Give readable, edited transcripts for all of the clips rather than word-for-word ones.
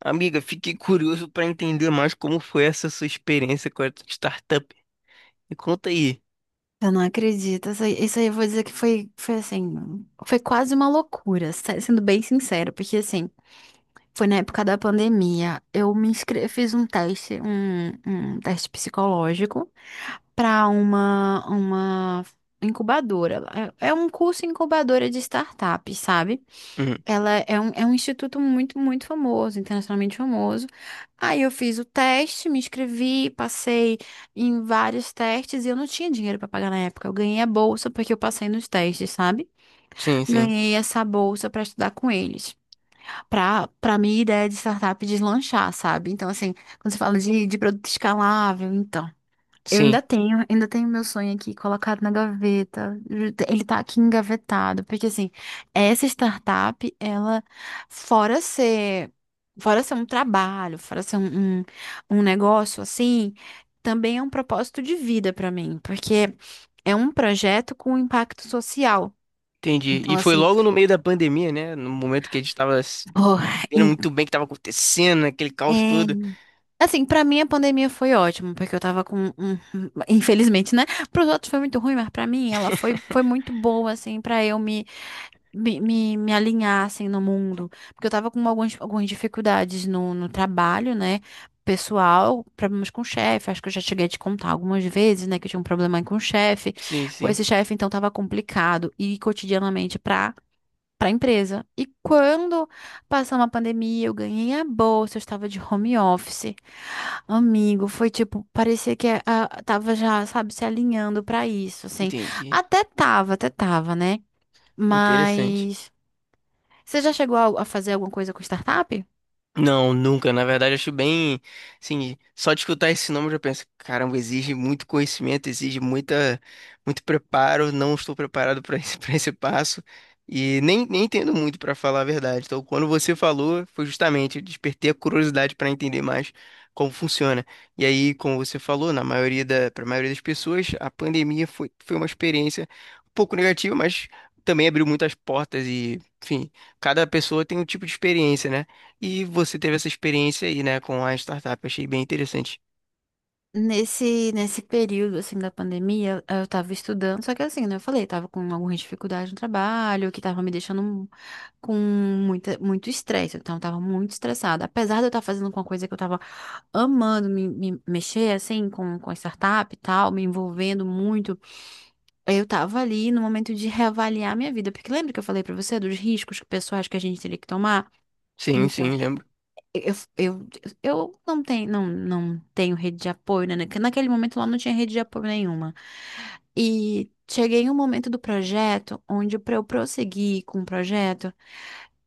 Amiga, fiquei curioso para entender mais como foi essa sua experiência com a startup. Me conta aí. Eu não acredito. Isso aí eu vou dizer que foi, foi quase uma loucura, sendo bem sincero, porque assim, foi na época da pandemia. Eu me inscrevi, fiz um teste, um teste psicológico para uma incubadora. É um curso incubadora de startup, sabe? Uhum. Ela é é um instituto muito famoso, internacionalmente famoso. Aí eu fiz o teste, me inscrevi, passei em vários testes e eu não tinha dinheiro para pagar na época. Eu ganhei a bolsa porque eu passei nos testes, sabe? Sim, sim, Ganhei essa bolsa para estudar com eles, para minha ideia de startup deslanchar, sabe? Então, assim, quando você fala de produto escalável, então. Eu sim. Ainda tenho meu sonho aqui colocado na gaveta. Ele tá aqui engavetado, porque assim, essa startup, ela, fora ser, fora ser um trabalho, fora ser um negócio assim, também é um propósito de vida pra mim, porque é um projeto com impacto social. Entendi. Então, E foi assim, logo no meio da pandemia, né? No momento que a gente tava se oh, entendendo muito bem o que tava acontecendo, aquele caos todo. Assim, pra mim a pandemia foi ótima, porque eu tava com, infelizmente, né? Pros outros foi muito ruim, mas pra mim ela foi, foi muito boa, assim, pra eu me alinhar, assim, no mundo. Porque eu tava com algumas dificuldades no trabalho, né? Pessoal, problemas com o chefe, acho que eu já cheguei a te contar algumas vezes, né? Que eu tinha um problema com o chefe, Sim, com sim. esse chefe, então tava complicado. E cotidianamente, pra para a empresa. E quando passou uma pandemia, eu ganhei a bolsa, eu estava de home office. Amigo, foi tipo, parecia que tava já, sabe, se alinhando para isso, assim. Entendi. Até tava, né? Interessante. Mas você já chegou a fazer alguma coisa com startup? Não, nunca. Na verdade, acho bem, assim, só de escutar esse nome eu já penso, caramba, exige muito conhecimento, exige muito preparo. Não estou preparado para esse, para esse passo e nem entendo muito para falar a verdade. Então, quando você falou, foi justamente eu despertei a curiosidade para entender mais como funciona. E aí, como você falou, para a maioria das pessoas, a pandemia foi uma experiência um pouco negativa, mas também abriu muitas portas e, enfim, cada pessoa tem um tipo de experiência, né? E você teve essa experiência aí, né, com a startup. Eu achei bem interessante. Nesse período, assim, da pandemia, eu tava estudando, só que assim, né, eu falei, tava com algumas dificuldades no trabalho, que tava me deixando com muito estresse, então eu tava muito estressada. Apesar de eu estar fazendo uma coisa que eu tava amando, me mexer, assim, com a startup e tal, me envolvendo muito, eu tava ali no momento de reavaliar minha vida, porque lembra que eu falei pra você dos riscos pessoais que a gente teria que tomar? Sim, sim, Então, lembro. eu, eu, eu não tenho, não tenho rede de apoio, né? Naquele momento lá não tinha rede de apoio nenhuma. E cheguei em um momento do projeto onde, para eu prosseguir com o projeto,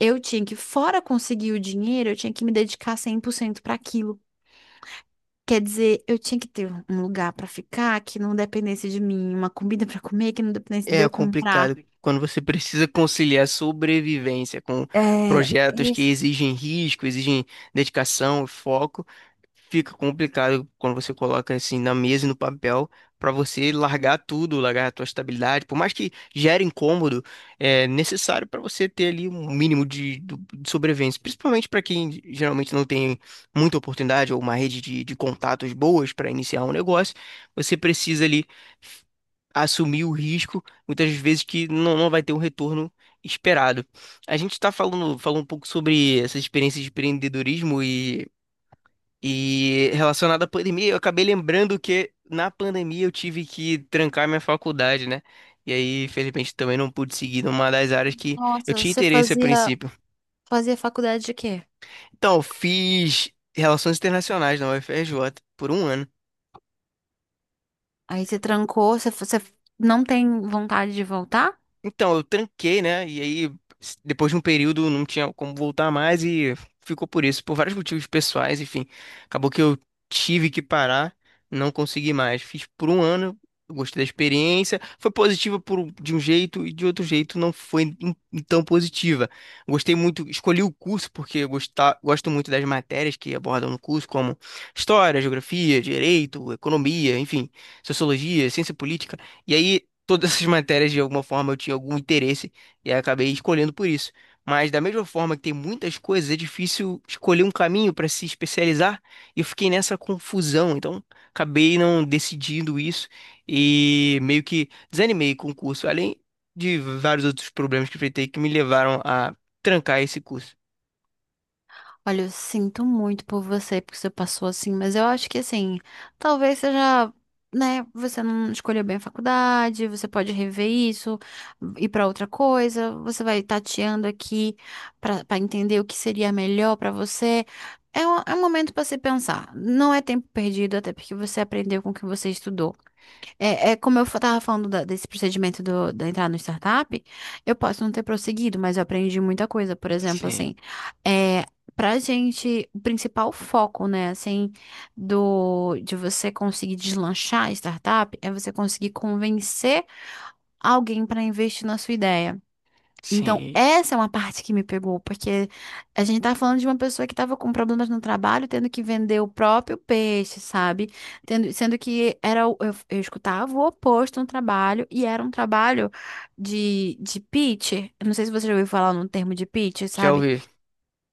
eu tinha que, fora conseguir o dinheiro, eu tinha que me dedicar 100% para aquilo. Quer dizer, eu tinha que ter um lugar para ficar que não dependesse de mim, uma comida para comer que não dependesse de É eu comprar. complicado quando você precisa conciliar sobrevivência com É, projetos que esse. exigem risco, exigem dedicação, foco. Fica complicado quando você coloca assim na mesa e no papel para você largar tudo, largar a tua estabilidade, por mais que gere incômodo, é necessário para você ter ali um mínimo de, do- de sobrevivência, principalmente para quem geralmente não tem muita oportunidade ou uma rede de contatos boas para iniciar um negócio, você precisa ali assumir o risco muitas vezes que não, não vai ter o retorno esperado. A gente está falando, falou um pouco sobre essa experiência de empreendedorismo e relacionada à pandemia, eu acabei lembrando que na pandemia eu tive que trancar minha faculdade, né? E aí, infelizmente, também não pude seguir numa das áreas que eu Nossa, tinha você interesse a fazia, princípio. fazia faculdade de quê? Então, eu fiz Relações Internacionais na UFRJ por um ano. Aí você trancou, você não tem vontade de voltar? Então, eu tranquei, né? E aí, s- depois de um período, não tinha como voltar mais e ficou por isso, por vários motivos pessoais, enfim. Acabou que eu tive que parar, não consegui mais. Fiz por um ano, eu gostei da experiência. Foi positiva de um jeito e de outro jeito não foi tão positiva. Gostei muito, escolhi o curso porque eu gosto muito das matérias que abordam no curso, como história, geografia, direito, economia, enfim, sociologia, ciência política. E aí todas essas matérias de alguma forma eu tinha algum interesse e aí acabei escolhendo por isso. Mas da mesma forma que tem muitas coisas, é difícil escolher um caminho para se especializar e eu fiquei nessa confusão, então acabei não decidindo isso e meio que desanimei com o curso, além de vários outros problemas que enfrentei que me levaram a trancar esse curso. Olha, eu sinto muito por você, porque você passou assim, mas eu acho que assim, talvez seja, né, você não escolheu bem a faculdade, você pode rever isso, ir pra outra coisa, você vai tateando aqui pra entender o que seria melhor pra você. É é um momento pra se pensar. Não é tempo perdido, até porque você aprendeu com o que você estudou. É, é como eu estava falando desse procedimento da entrada no startup, eu posso não ter prosseguido, mas eu aprendi muita coisa. Por exemplo, Sim, assim, é, pra gente, o principal foco, né, assim, de você conseguir deslanchar a startup é você conseguir convencer alguém para investir na sua ideia. Então, sim, essa é uma parte que me pegou, porque a gente tá falando de uma pessoa que estava com problemas no trabalho, tendo que vender o próprio peixe, sabe? Tendo, sendo que era, eu escutava o oposto no trabalho, e era um trabalho de pitch. Eu não sei se você já ouviu falar no termo de pitch, já sabe? ouvi.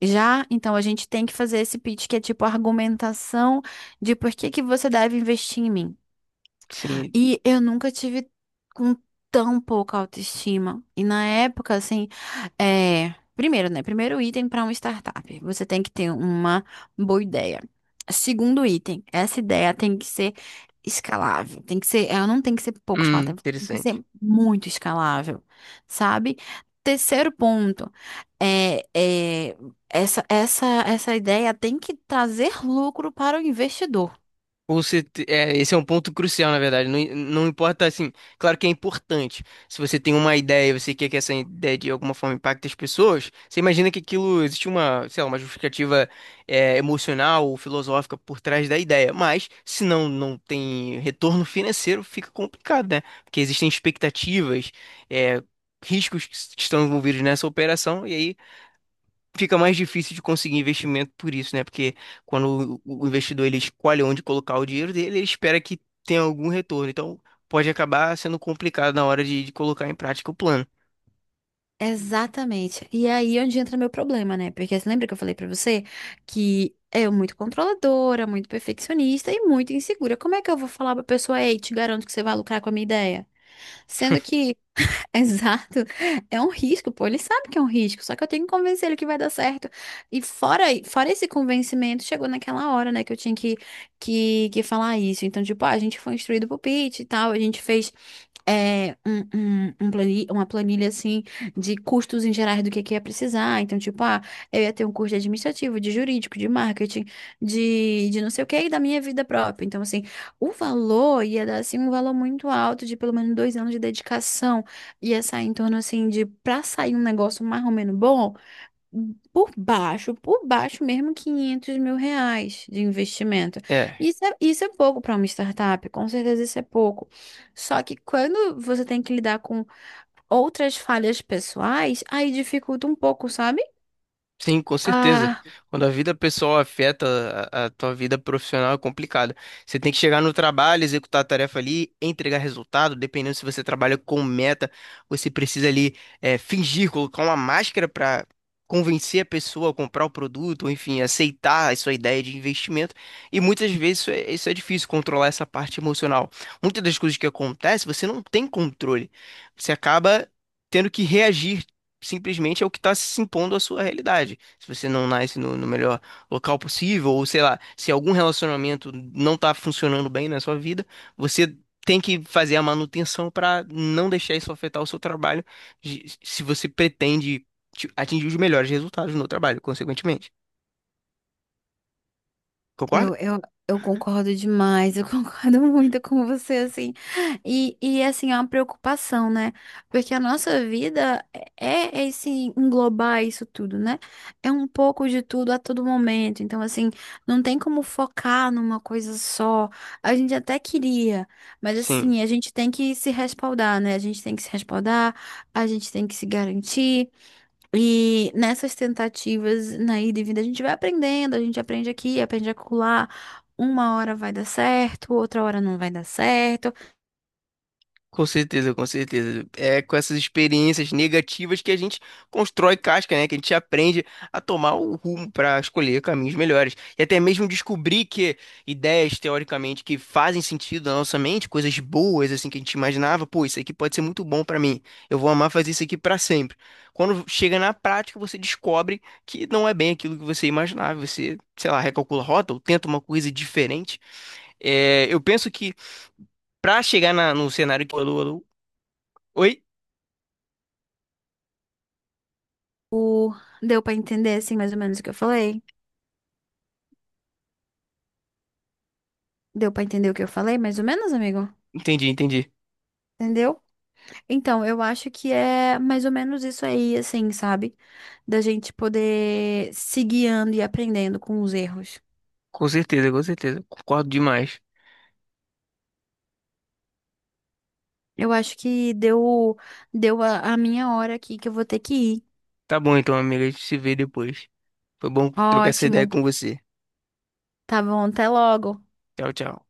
Já, então a gente tem que fazer esse pitch que é tipo argumentação de por que que você deve investir em mim. Sim, E eu nunca tive com tão pouca autoestima. E na época, assim, é... primeiro, né? Primeiro item para uma startup, você tem que ter uma boa ideia. Segundo item, essa ideia tem que ser escalável, tem que ser, ela não tem que ser pouco escalável, tem que ser interessante. muito escalável, sabe? Terceiro ponto, é, essa ideia tem que trazer lucro para o investidor. É, esse é um ponto crucial, na verdade. Não, não importa, assim, claro que é importante. Se você tem uma ideia, você quer que essa ideia de alguma forma impacte as pessoas, você imagina que aquilo existe uma, sei lá, uma justificativa, emocional ou filosófica por trás da ideia. Mas, se não, não tem retorno financeiro, fica complicado, né? Porque existem expectativas, é, riscos que que estão envolvidos nessa operação, e aí fica mais difícil de conseguir investimento por isso, né? Porque quando o investidor ele escolhe onde colocar o dinheiro dele, ele espera que tenha algum retorno. Então, pode acabar sendo complicado na hora de colocar em prática o plano. Exatamente. E aí é onde entra meu problema, né? Porque você lembra que eu falei pra você que é muito controladora, muito perfeccionista e muito insegura. Como é que eu vou falar pra pessoa, ei, te garanto que você vai lucrar com a minha ideia? Sendo que Exato. É um risco, pô. Ele sabe que é um risco, só que eu tenho que convencer ele que vai dar certo. E fora esse convencimento, chegou naquela hora, né, que eu tinha que, que falar isso. Então, tipo, ah, a gente foi instruído pro pitch e tal, a gente fez é, uma planilha, assim, de custos em gerais do que ia precisar. Então, tipo, ah, eu ia ter um curso de administrativo, de jurídico, de marketing, de não sei o que e da minha vida própria. Então, assim, o valor ia dar, assim, um valor muito alto de pelo menos 2 anos de dedicação. Ia sair em torno assim de pra sair um negócio mais ou menos bom, por baixo mesmo, R$ 500.000 de investimento. É. Isso é pouco para uma startup, com certeza isso é pouco. Só que quando você tem que lidar com outras falhas pessoais, aí dificulta um pouco, sabe? Sim, com certeza. Ah, Quando a vida pessoal afeta a tua vida profissional é complicado. Você tem que chegar no trabalho, executar a tarefa ali, entregar resultado, dependendo se você trabalha com meta, você precisa ali fingir, colocar uma máscara para convencer a pessoa a comprar o produto, ou enfim, aceitar a sua ideia de investimento. E muitas vezes isso é difícil, controlar essa parte emocional. Muitas das coisas que acontecem, você não tem controle. Você acaba tendo que reagir simplesmente é o que está se impondo à sua realidade. Se você não nasce no melhor local possível, ou sei lá, se algum relacionamento não está funcionando bem na sua vida, você tem que fazer a manutenção para não deixar isso afetar o seu trabalho, se você pretende atingir os melhores resultados no trabalho, consequentemente. Concorda? Eu, eu, eu concordo demais, eu concordo muito com você, assim. E assim, é uma preocupação, né? Porque a nossa vida é esse englobar isso tudo, né? É um pouco de tudo a todo momento. Então, assim, não tem como focar numa coisa só. A gente até queria, mas Sim. assim, a gente tem que se respaldar, né? A gente tem que se respaldar, a gente tem que se garantir. E nessas tentativas, na ida e vinda, a gente vai aprendendo, a gente aprende aqui, aprende acolá. Uma hora vai dar certo, outra hora não vai dar certo. Com certeza, com certeza. É com essas experiências negativas que a gente constrói casca, né? Que a gente aprende a tomar o rumo para escolher caminhos melhores. E até mesmo descobrir que ideias, teoricamente, que fazem sentido na nossa mente, coisas boas, assim, que a gente imaginava, pô, isso aqui pode ser muito bom para mim. Eu vou amar fazer isso aqui para sempre. Quando chega na prática, você descobre que não é bem aquilo que você imaginava. Você, sei lá, recalcula a rota ou tenta uma coisa diferente. É, eu penso que. Pra chegar no cenário que. Alô, alô. Oi? O... Deu pra entender, assim, mais ou menos o que eu falei? Deu pra entender o que eu falei, mais ou menos, amigo? Entendi, entendi. Entendeu? Então, eu acho que é mais ou menos isso aí, assim, sabe? Da gente poder se guiando e aprendendo com os erros. Com certeza, com certeza. Concordo demais. Eu acho que deu, deu a minha hora aqui que eu vou ter que ir. Tá bom então, amiga. A gente se vê depois. Foi bom trocar essa ideia Ótimo. com você. Tá bom, até logo. Tchau, tchau.